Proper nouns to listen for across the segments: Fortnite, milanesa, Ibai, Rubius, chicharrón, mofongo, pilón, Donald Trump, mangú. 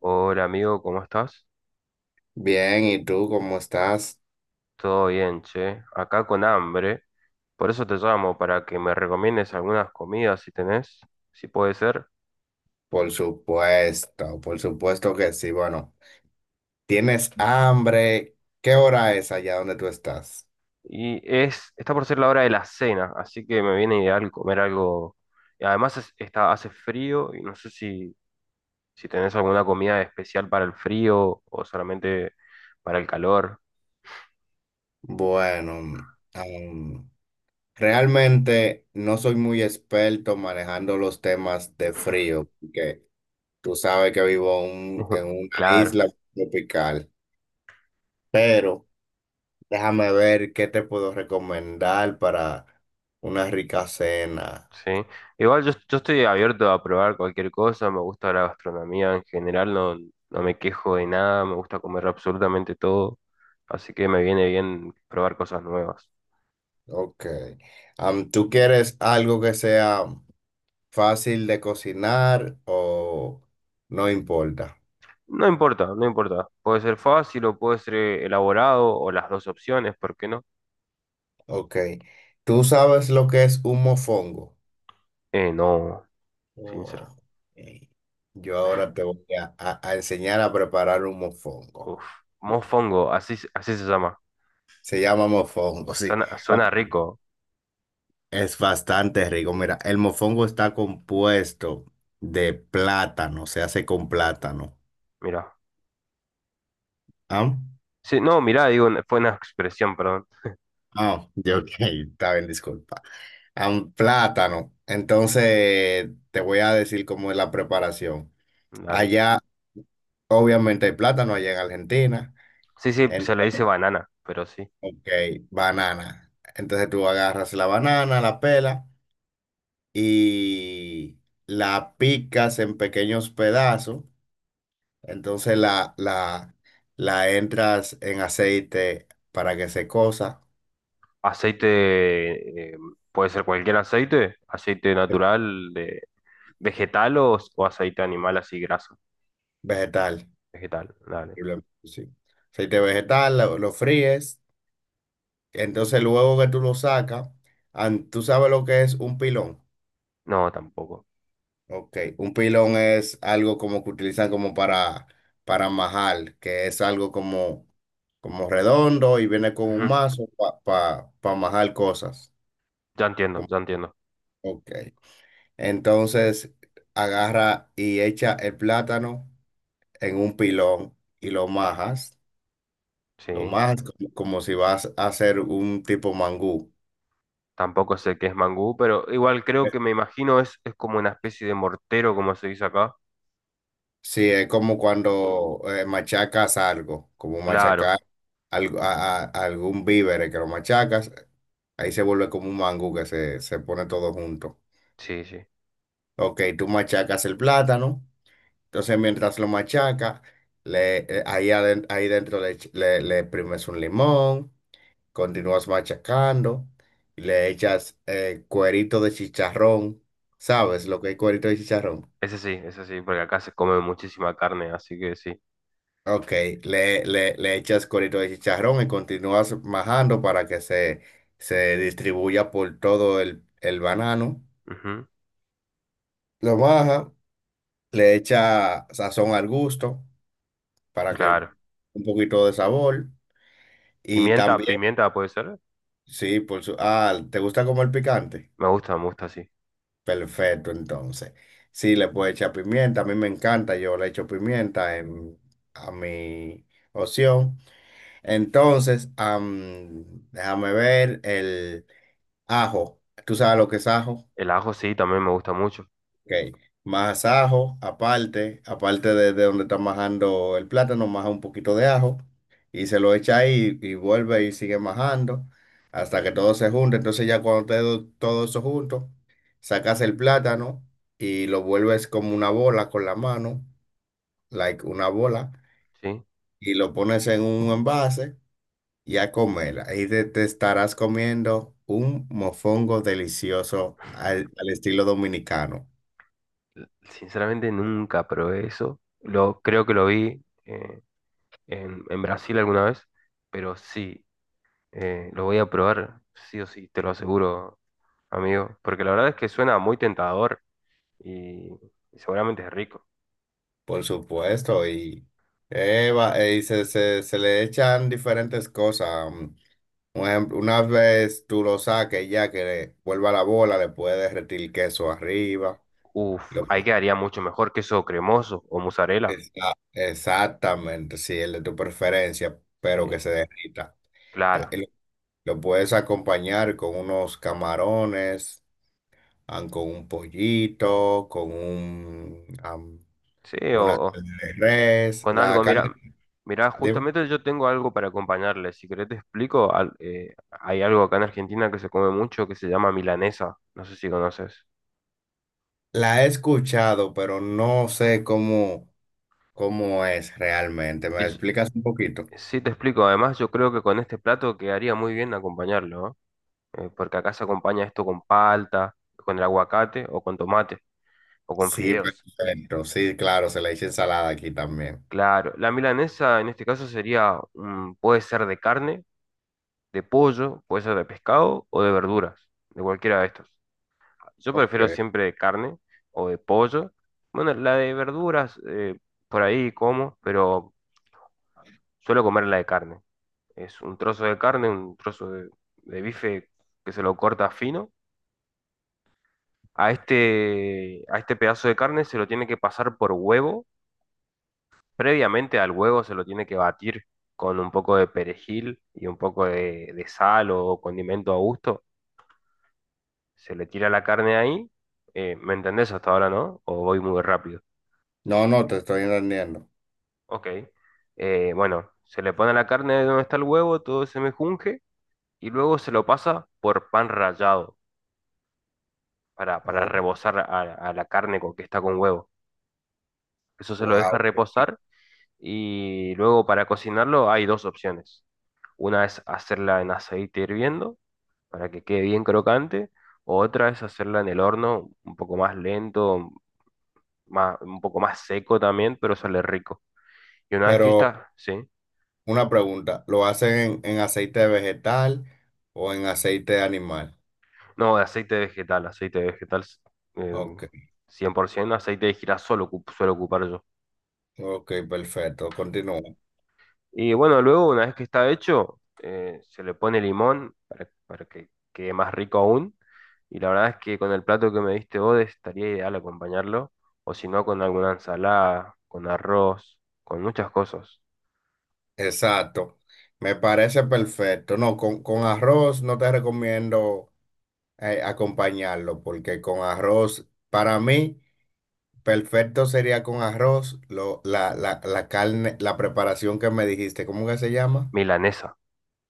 Hola amigo, ¿cómo estás? Bien, ¿y tú cómo estás? Todo bien, che. Acá con hambre. Por eso te llamo, para que me recomiendes algunas comidas si tenés, si puede ser. Por supuesto que sí. Bueno, ¿tienes hambre? ¿Qué hora es allá donde tú estás? Está por ser la hora de la cena, así que me viene ideal comer algo. Y además está, hace frío y no sé si, si tenés alguna comida especial para el frío o solamente para el calor. Bueno, am, realmente no soy muy experto manejando los temas de frío, porque tú sabes que vivo en una Claro. isla tropical, pero déjame ver qué te puedo recomendar para una rica cena. Sí, igual yo estoy abierto a probar cualquier cosa, me gusta la gastronomía en general, no, no me quejo de nada, me gusta comer absolutamente todo, así que me viene bien probar cosas nuevas. Ok. ¿Tú quieres algo que sea fácil de cocinar o no importa? No importa, no importa, puede ser fácil o puede ser elaborado o las dos opciones, ¿por qué no? Ok. ¿Tú sabes lo que es un mofongo? No, sincero. Oh, ok. Yo ahora te voy a enseñar a preparar un mofongo. Uf, mofongo, así, así se llama. Se llama mofongo, sí. Suena, Ok. suena rico, Es bastante rico. Mira, el mofongo está compuesto de plátano, se hace con plátano. mira. ¿Ah? Sí, no, mirá, digo, fue una expresión, perdón. Ah, yo, ok, está bien, disculpa. A un plátano. Entonces, te voy a decir cómo es la preparación. Dale. Allá, obviamente, hay plátano allá en Argentina. Sí, sí, se le Entonces, dice banana, pero sí. ok, banana. Entonces, tú agarras la banana, la pela y la picas en pequeños pedazos. Entonces, la entras en aceite para que se cosa. Aceite, puede ser cualquier aceite, aceite natural, de vegetal o aceite animal así graso. Vegetal. Vegetal, dale. Posiblemente, sí. Aceite vegetal, lo fríes, entonces luego que tú lo sacas, tú sabes lo que es un pilón. No, tampoco. Ok, un pilón es algo como que utilizan como para majar, que es algo como, como redondo y viene con un Ujú, mazo para pa majar cosas. ya entiendo, Como- ya entiendo. Ok, entonces agarra y echa el plátano en un pilón y Sí, lo majas como, como si vas a hacer un tipo mangú. tampoco sé qué es mangú, pero igual creo que me imagino es como una especie de mortero, como se dice acá. Sí, es como cuando machacas algo, como Claro, machacar algo, a algún víver que lo machacas, ahí se vuelve como un mangú que se pone todo junto. sí, sí. Ok, tú machacas el plátano, entonces mientras lo machacas, le, ahí, aden- ahí dentro le, ech- le exprimes un limón, continúas machacando, y le echas cuerito de chicharrón, ¿sabes lo que es cuerito de chicharrón? Ese sí, ese sí, porque acá se come muchísima carne, así que sí. Ok, le echas corito de chicharrón y continúas majando para que se distribuya por todo el banano. Ujú, Lo baja le echa sazón al gusto para que claro. un poquito de sabor. Y Pimienta, también, pimienta puede ser. sí, por su... Ah, ¿te gusta comer picante? Me gusta, sí. Perfecto, entonces. Sí, le puedes echar pimienta, a mí me encanta, yo le echo pimienta en, a mi opción. Entonces, déjame ver el... Ajo, ¿tú sabes lo que es ajo? El ajo sí, también me gusta mucho. Ok, más ajo, aparte, aparte de donde está majando el plátano, maja un poquito de ajo y se lo echa ahí y vuelve y sigue majando hasta que todo se junte. Entonces ya cuando esté todo eso junto, sacas el plátano y lo vuelves como una bola con la mano, like una bola, Sí. y lo pones en un envase. Y a comer. Ahí te estarás comiendo un mofongo delicioso al, al estilo dominicano, Sinceramente nunca probé eso. Lo, creo que lo vi en Brasil alguna vez, pero sí, lo voy a probar, sí o sí, te lo aseguro, amigo, porque la verdad es que suena muy tentador y, y seguramente es rico. por supuesto. Y, y se le echan diferentes cosas. Un ejemplo, una vez tú lo saques ya que vuelva la bola, le puedes derretir queso arriba. Uf, Lo- ahí quedaría mucho mejor queso cremoso o mozzarella. Exactamente, sí, el de tu preferencia, Sí, pero que se derrita. Ta- y claro. Lo lo puedes acompañar con unos camarones. Van con un pollito, con un, Sí, una o, carne de res. con La algo, carne, mira, mira, dime. justamente yo tengo algo para acompañarle. Si querés te explico, hay algo acá en Argentina que se come mucho que se llama milanesa. No sé si conoces. La he escuchado, pero no sé cómo, cómo es realmente. ¿Me Es- explicas un poquito? sí, te explico. Además, yo creo que con este plato quedaría muy bien acompañarlo, ¿no? Porque acá se acompaña esto con palta, con el aguacate o con tomate o con Sí, fideos. perfecto. Sí, claro, se le echa ensalada aquí también. Claro, la milanesa en este caso sería, mm, puede ser de carne, de pollo, puede ser de pescado o de verduras, de cualquiera de estos. Yo Ok. prefiero siempre de carne o de pollo. Bueno, la de verduras, por ahí como, pero suelo comer la de carne. Es un trozo de carne, un trozo de bife que se lo corta fino. A este pedazo de carne se lo tiene que pasar por huevo. Previamente al huevo se lo tiene que batir con un poco de perejil y un poco de sal o condimento a gusto. Se le tira la carne ahí. ¿Me entendés hasta ahora, no? ¿O voy muy rápido? No, no, te estoy entendiendo. Ok. Bueno, se le pone la carne de donde está el huevo, todo se mejunje y luego se lo pasa por pan rallado para Oh, rebozar a la carne con que está con huevo. Eso se lo wow. deja reposar y luego para cocinarlo hay dos opciones. Una es hacerla en aceite hirviendo para que quede bien crocante, otra es hacerla en el horno un poco más lento, más, un poco más seco también, pero sale rico. Y una vez que Pero está, sí. una pregunta, ¿lo hacen en aceite vegetal o en aceite animal? No, de aceite vegetal eh, Ok, 100%, aceite de girasol suelo ocupar yo. ok, perfecto. Continúa. Y bueno, luego una vez que está hecho, se le pone limón para que quede más rico aún. Y la verdad es que con el plato que me diste vos estaría ideal acompañarlo, o si no, con alguna ensalada, con arroz, con muchas cosas. Exacto, me parece perfecto. No, con arroz no te recomiendo acompañarlo porque con arroz, para mí, perfecto sería con arroz la carne, la preparación que me dijiste, ¿cómo que se llama? Milanesa.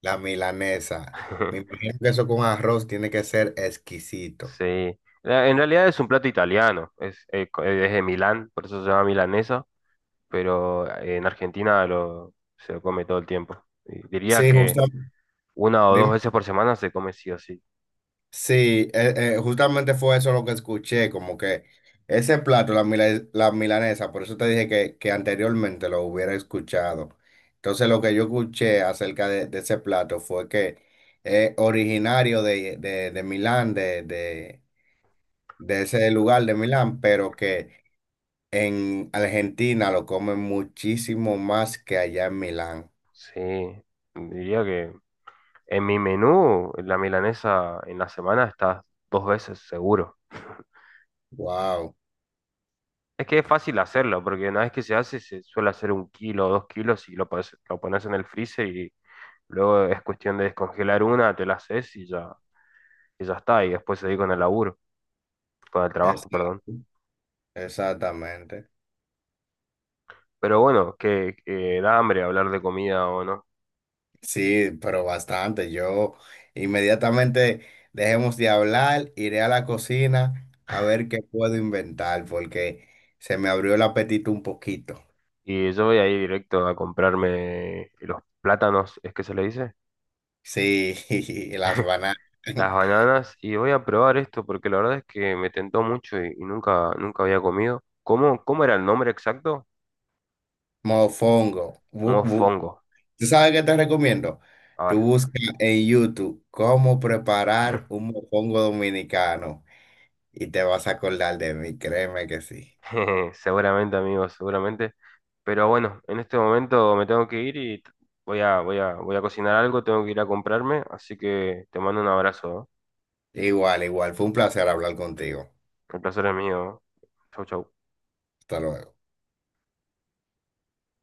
La milanesa. Me imagino que eso con arroz tiene que ser exquisito. Sí. En realidad es un plato italiano, es, es de Milán, por eso se llama milanesa. Pero en Argentina lo, se lo come todo el tiempo. Y diría Sí, que justo. una o dos Dime. veces por semana se come sí o sí. Sí, justamente fue eso lo que escuché, como que ese plato, la milanesa, por eso te dije que anteriormente lo hubiera escuchado. Entonces lo que yo escuché acerca de ese plato fue que es originario de Milán, de ese lugar de Milán, pero que en Argentina lo comen muchísimo más que allá en Milán. Sí, diría que en mi menú la milanesa en la semana está 2 veces seguro. Wow, Es que es fácil hacerlo, porque una vez que se hace se suele hacer 1 kilo o 2 kilos y lo pones en el freezer y luego es cuestión de descongelar una, te la haces y ya está, y después seguir con el laburo, con el trabajo, perdón. exacto, exactamente. Pero bueno, que da hambre hablar de comida o no. Sí, pero bastante. Yo inmediatamente dejemos de hablar, iré a la cocina a ver qué puedo inventar, porque se me abrió el apetito un poquito. Y yo voy a ir directo a comprarme los plátanos, ¿es que se le dice? Sí, las bananas. Las bananas y voy a probar esto porque la verdad es que me tentó mucho y nunca, nunca había comido. ¿Cómo, cómo era el nombre exacto? Mofongo. Mofongo. ¿Tú sabes qué te recomiendo? Tú Ahora, busca en YouTube cómo preparar un mofongo dominicano y te vas a acordar de mí, créeme que sí. jeje, seguramente amigos, seguramente. Pero bueno, en este momento me tengo que ir y voy a, voy a, voy a cocinar algo, tengo que ir a comprarme, así que te mando un abrazo, ¿eh? Igual, igual. Fue un placer hablar contigo. El placer es mío. ¿Eh? Chau, chau. Hasta luego.